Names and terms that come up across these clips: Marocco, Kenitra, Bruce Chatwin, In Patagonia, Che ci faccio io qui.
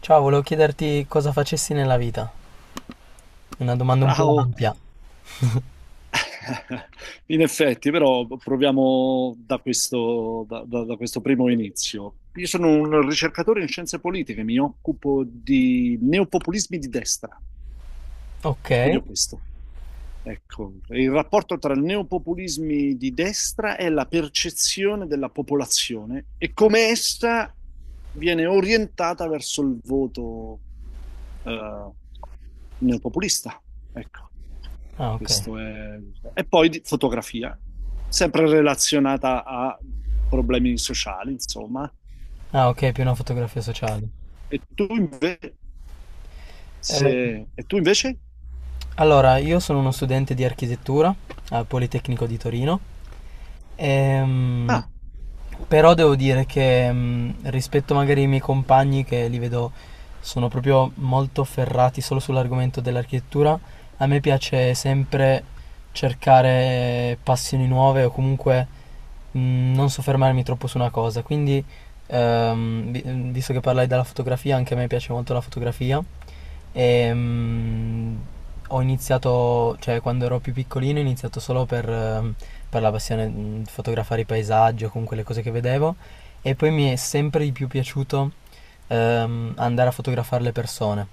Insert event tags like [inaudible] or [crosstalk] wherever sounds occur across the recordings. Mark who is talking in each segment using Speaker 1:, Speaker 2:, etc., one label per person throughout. Speaker 1: Ciao, volevo chiederti cosa facessi nella vita. Una domanda un po'
Speaker 2: Ciao!
Speaker 1: ampia.
Speaker 2: [laughs] In effetti, però proviamo da questo, da questo primo inizio. Io sono un ricercatore in scienze politiche, mi occupo di neopopulismi di destra,
Speaker 1: Ok.
Speaker 2: studio questo. Ecco, il rapporto tra i neopopulismi di destra e la percezione della popolazione e come essa viene orientata verso il voto eh, neopopulista. Ecco,
Speaker 1: Ah, ok.
Speaker 2: questo è. E poi fotografia, sempre relazionata a problemi sociali, insomma.
Speaker 1: Ah, ok, più una fotografia sociale.
Speaker 2: E tu invece,
Speaker 1: Eh,
Speaker 2: se... e tu invece?
Speaker 1: allora, io sono uno studente di architettura al Politecnico di Torino. Ehm,
Speaker 2: Ah,
Speaker 1: Però devo dire che rispetto magari ai miei compagni che li vedo sono proprio molto ferrati solo sull'argomento dell'architettura, a me piace sempre cercare passioni nuove o comunque non soffermarmi troppo su una cosa, quindi visto che parlai della fotografia, anche a me piace molto la fotografia e ho iniziato, cioè quando ero più piccolino, ho iniziato solo per la passione di fotografare i paesaggi o comunque le cose che vedevo e poi mi è sempre di più piaciuto andare a fotografare le persone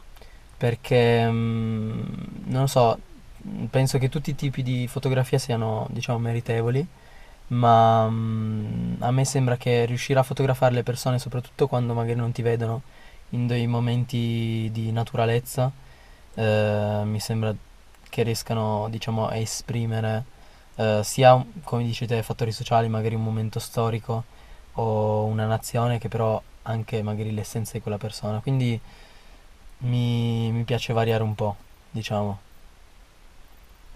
Speaker 1: perché non lo so, penso che tutti i tipi di fotografia siano, diciamo, meritevoli ma a me sembra che riuscire a fotografare le persone, soprattutto quando magari non ti vedono, in dei momenti di naturalezza, mi sembra che riescano, diciamo, a esprimere sia, come dici te, fattori sociali, magari un momento storico o una nazione, che però anche magari l'essenza di quella persona. Quindi mi piace variare un po', diciamo.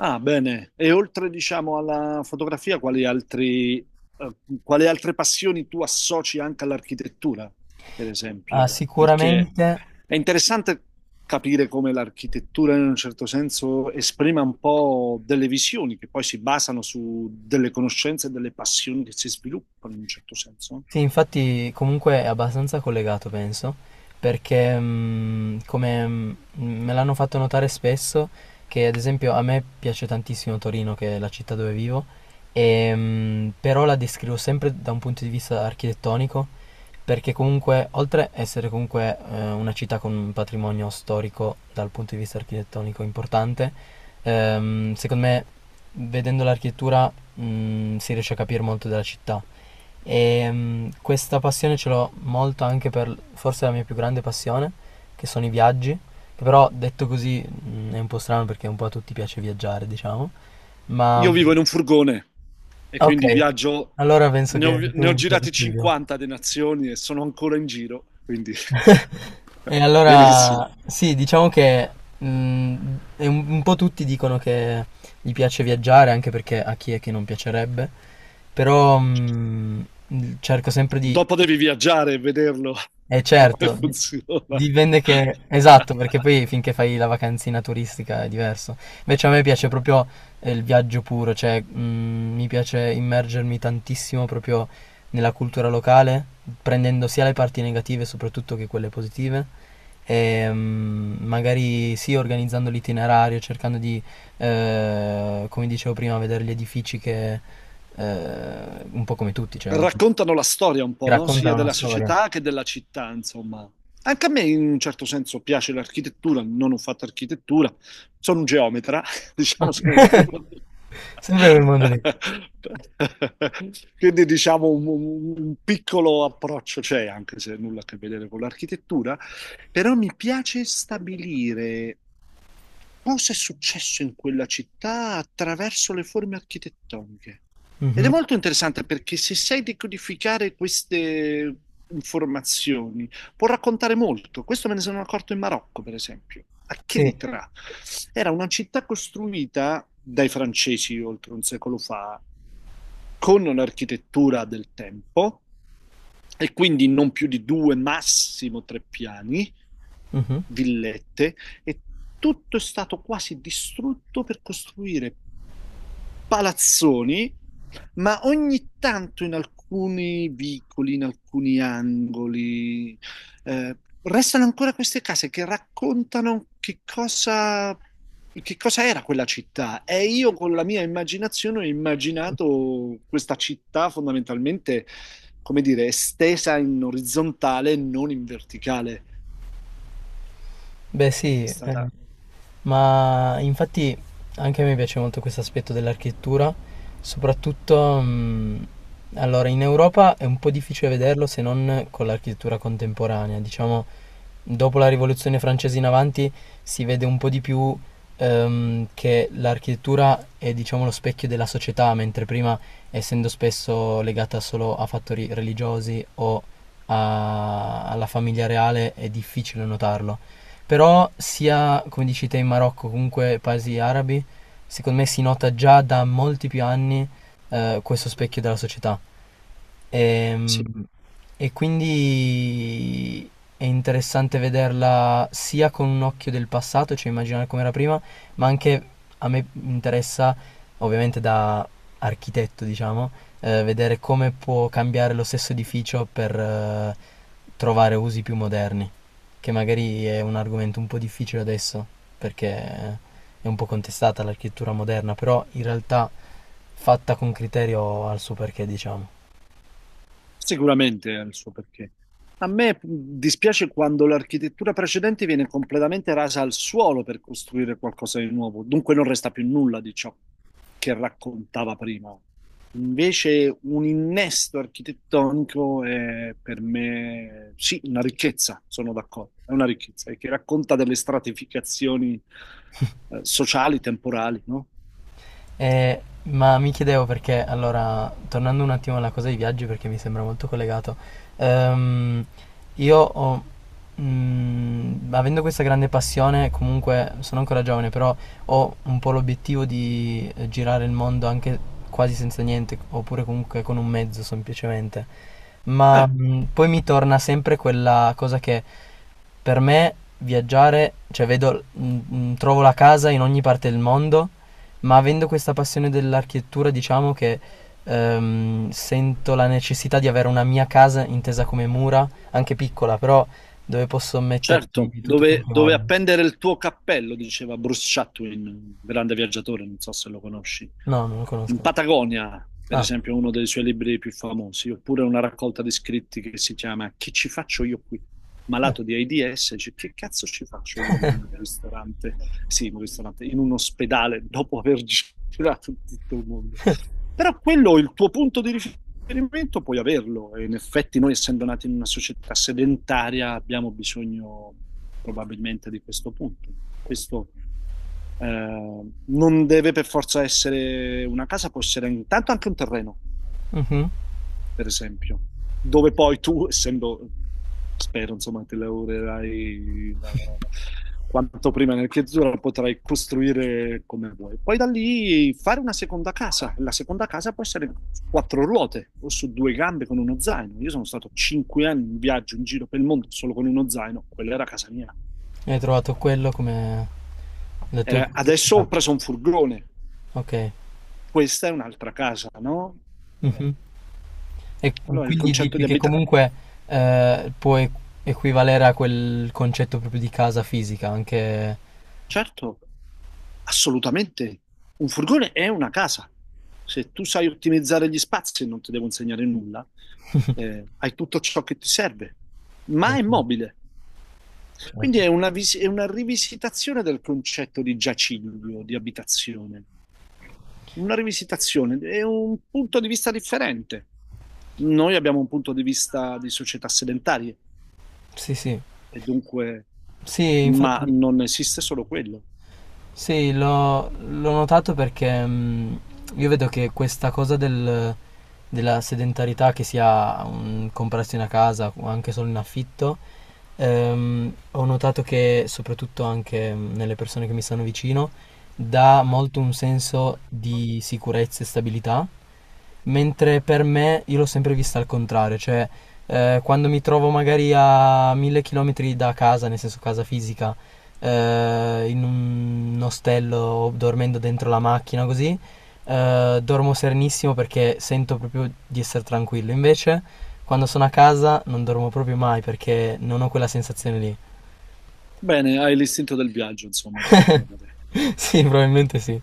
Speaker 2: ah, bene. E oltre, diciamo, alla fotografia, quali altri, eh, quali altre passioni tu associ anche all'architettura, per
Speaker 1: Ah,
Speaker 2: esempio? Eh? Perché
Speaker 1: sicuramente.
Speaker 2: è interessante capire come l'architettura, in un certo senso, esprima un po' delle visioni che poi si basano su delle conoscenze e delle passioni che si sviluppano, in un certo senso.
Speaker 1: Sì, infatti comunque è abbastanza collegato, penso, perché come me l'hanno fatto notare spesso, che ad esempio a me piace tantissimo Torino, che è la città dove vivo, e, però la descrivo sempre da un punto di vista architettonico, perché comunque, oltre a essere comunque una città con un patrimonio storico dal punto di vista architettonico importante, secondo me vedendo l'architettura si riesce a capire molto della città. E questa passione ce l'ho molto anche per forse la mia più grande passione, che sono i viaggi. Che però detto così è un po' strano perché un po' a tutti piace viaggiare, diciamo. Ma
Speaker 2: Io vivo in un furgone e
Speaker 1: ok,
Speaker 2: quindi viaggio,
Speaker 1: allora penso
Speaker 2: ne ho,
Speaker 1: che tu
Speaker 2: ne ho
Speaker 1: mi
Speaker 2: girati
Speaker 1: capisci di più.
Speaker 2: 50 di nazioni e sono ancora in giro, quindi
Speaker 1: [laughs]
Speaker 2: [laughs]
Speaker 1: E
Speaker 2: benissimo.
Speaker 1: allora sì, diciamo che mh, è un po' tutti dicono che gli piace viaggiare, anche perché a chi è che non piacerebbe. Però
Speaker 2: Cioè,
Speaker 1: cerco sempre di.
Speaker 2: dopo devi viaggiare e vederlo
Speaker 1: E
Speaker 2: [laughs] come
Speaker 1: certo,
Speaker 2: funziona.
Speaker 1: dipende che. Esatto, perché poi finché fai la vacanzina turistica è diverso. Invece a me piace
Speaker 2: [laughs]
Speaker 1: proprio il viaggio puro, cioè mi piace immergermi tantissimo proprio nella cultura locale, prendendo sia le parti negative soprattutto che quelle positive. E, magari sì, organizzando l'itinerario, cercando di, come dicevo prima, vedere gli edifici che, un po' come tutti, cioè,
Speaker 2: Raccontano la storia un
Speaker 1: che
Speaker 2: po', no? Sia
Speaker 1: raccontano una
Speaker 2: della
Speaker 1: storia.
Speaker 2: società che della città, insomma. Anche a me in un certo senso piace l'architettura, non ho fatto architettura, sono un geometra, [laughs] diciamo
Speaker 1: Ok.
Speaker 2: sono diplomato.
Speaker 1: [laughs] Sempre quel mondo lì.
Speaker 2: [laughs] Quindi diciamo un piccolo approccio c'è, anche se nulla a che vedere con l'architettura, però mi piace stabilire cosa è successo in quella città attraverso le forme architettoniche. Ed è
Speaker 1: Mhm.
Speaker 2: molto interessante perché se sai decodificare queste informazioni, può raccontare molto. Questo me ne sono accorto in Marocco, per esempio. A
Speaker 1: Sì.
Speaker 2: Kenitra era una città costruita dai francesi oltre un secolo fa, con un'architettura del tempo e quindi non più di due, massimo tre piani,
Speaker 1: Mhm.
Speaker 2: villette, e tutto è stato quasi distrutto per costruire palazzoni, ma ogni tanto in alcuni vicoli, in alcuni angoli, restano ancora queste case che raccontano che cosa era quella città. E io con la mia immaginazione ho immaginato questa città fondamentalmente, come dire, estesa in orizzontale, non in verticale.
Speaker 1: Beh,
Speaker 2: È
Speaker 1: sì, eh.
Speaker 2: stata,
Speaker 1: Ma infatti anche a me piace molto questo aspetto dell'architettura, soprattutto allora in Europa è un po' difficile vederlo se non con l'architettura contemporanea, diciamo dopo la rivoluzione francese in avanti si vede un po' di più che l'architettura è diciamo lo specchio della società, mentre prima essendo spesso legata solo a fattori religiosi o alla famiglia reale è difficile notarlo. Però sia, come dici te, in Marocco, comunque paesi arabi, secondo me si nota già da molti più anni questo specchio della società.
Speaker 2: sì.
Speaker 1: Ehm, E, quindi è interessante vederla sia con un occhio del passato, cioè immaginare com'era prima, ma anche a me interessa, ovviamente da architetto, diciamo, vedere come può cambiare lo stesso edificio per trovare usi più moderni, che magari è un argomento un po' difficile adesso, perché è un po' contestata l'architettura moderna, però in realtà fatta con criterio ha il suo perché, diciamo.
Speaker 2: Sicuramente ha il suo perché. A me dispiace quando l'architettura precedente viene completamente rasa al suolo per costruire qualcosa di nuovo, dunque non resta più nulla di ciò che raccontava prima. Invece un innesto architettonico è per me, sì, una ricchezza, sono d'accordo, è una ricchezza, e che racconta delle stratificazioni sociali, temporali, no?
Speaker 1: Ma mi chiedevo perché, allora, tornando un attimo alla cosa dei viaggi, perché mi sembra molto collegato, ehm, io ho, avendo questa grande passione, comunque sono ancora giovane, però ho un po' l'obiettivo di girare il mondo anche quasi senza niente, oppure comunque con un mezzo semplicemente. Ma
Speaker 2: Eh,
Speaker 1: poi mi torna sempre quella cosa che per me viaggiare, cioè vedo, trovo la casa in ogni parte del mondo ma avendo questa passione dell'architettura, diciamo che sento la necessità di avere una mia casa intesa come mura, anche piccola, però dove posso
Speaker 2: certo,
Speaker 1: metterci tutto quello
Speaker 2: dove,
Speaker 1: che
Speaker 2: dove
Speaker 1: voglio.
Speaker 2: appendere il tuo cappello, diceva Bruce Chatwin, grande viaggiatore, non so se lo conosci.
Speaker 1: No, non lo
Speaker 2: In
Speaker 1: conosco.
Speaker 2: Patagonia, per
Speaker 1: Ah.
Speaker 2: esempio, è uno dei suoi libri più famosi, oppure una raccolta di scritti che si chiama Che ci faccio io qui?
Speaker 1: Eh.
Speaker 2: Malato di AIDS, dice, che cazzo ci faccio io in un ristorante? Sì, in un ristorante, in un ospedale, dopo aver [laughs] girato tutto il mondo. Però quello è il tuo punto di riferimento esperimento puoi averlo. E in effetti, noi essendo nati in una società sedentaria, abbiamo bisogno probabilmente di questo punto. Questo non deve per forza essere una casa, può essere intanto anche un terreno
Speaker 1: Mhm.
Speaker 2: per esempio, dove poi tu, essendo, spero, insomma, ti lavorerai quanto prima nell'architettura, potrai costruire come vuoi. Poi da lì fare una seconda casa. La seconda casa può essere su quattro ruote o su due gambe con uno zaino. Io sono stato 5 anni in viaggio in giro per il mondo solo con uno zaino, quella era casa mia.
Speaker 1: Hai trovato quello come le tue
Speaker 2: Adesso
Speaker 1: funzionalità.
Speaker 2: ho preso un furgone,
Speaker 1: Ok.
Speaker 2: questa è un'altra casa, no? Eh,
Speaker 1: Mhm. E
Speaker 2: allora il
Speaker 1: quindi
Speaker 2: concetto
Speaker 1: dici
Speaker 2: di
Speaker 1: che
Speaker 2: abitare.
Speaker 1: comunque può equivalere a quel concetto proprio di casa fisica, anche.
Speaker 2: Certo, assolutamente. Un furgone è una casa. Se tu sai ottimizzare gli spazi e non ti devo insegnare nulla,
Speaker 1: [laughs]
Speaker 2: hai tutto ciò che ti serve,
Speaker 1: Beh,
Speaker 2: ma è
Speaker 1: sì.
Speaker 2: mobile. Quindi
Speaker 1: Certo.
Speaker 2: è una rivisitazione del concetto di giaciglio, di abitazione. Una rivisitazione, è un punto di vista differente. Noi abbiamo un punto di vista di società sedentarie,
Speaker 1: Sì, sì.
Speaker 2: e dunque,
Speaker 1: Sì,
Speaker 2: ma
Speaker 1: infatti,
Speaker 2: non esiste solo quello.
Speaker 1: sì, l'ho notato perché io vedo che questa cosa della sedentarietà, che sia un, comprarsi una casa o anche solo in affitto, ho notato che soprattutto anche nelle persone che mi stanno vicino, dà molto un senso di sicurezza e stabilità. Mentre per me io l'ho sempre vista al contrario, cioè quando mi trovo magari a 1.000 chilometri da casa, nel senso casa fisica, in un ostello o dormendo dentro la macchina così, dormo serenissimo perché sento proprio di essere tranquillo. Invece quando sono a casa non dormo proprio mai perché non ho quella sensazione lì.
Speaker 2: Bene, hai l'istinto del viaggio, insomma, potremmo dire.
Speaker 1: [laughs] Sì, probabilmente sì.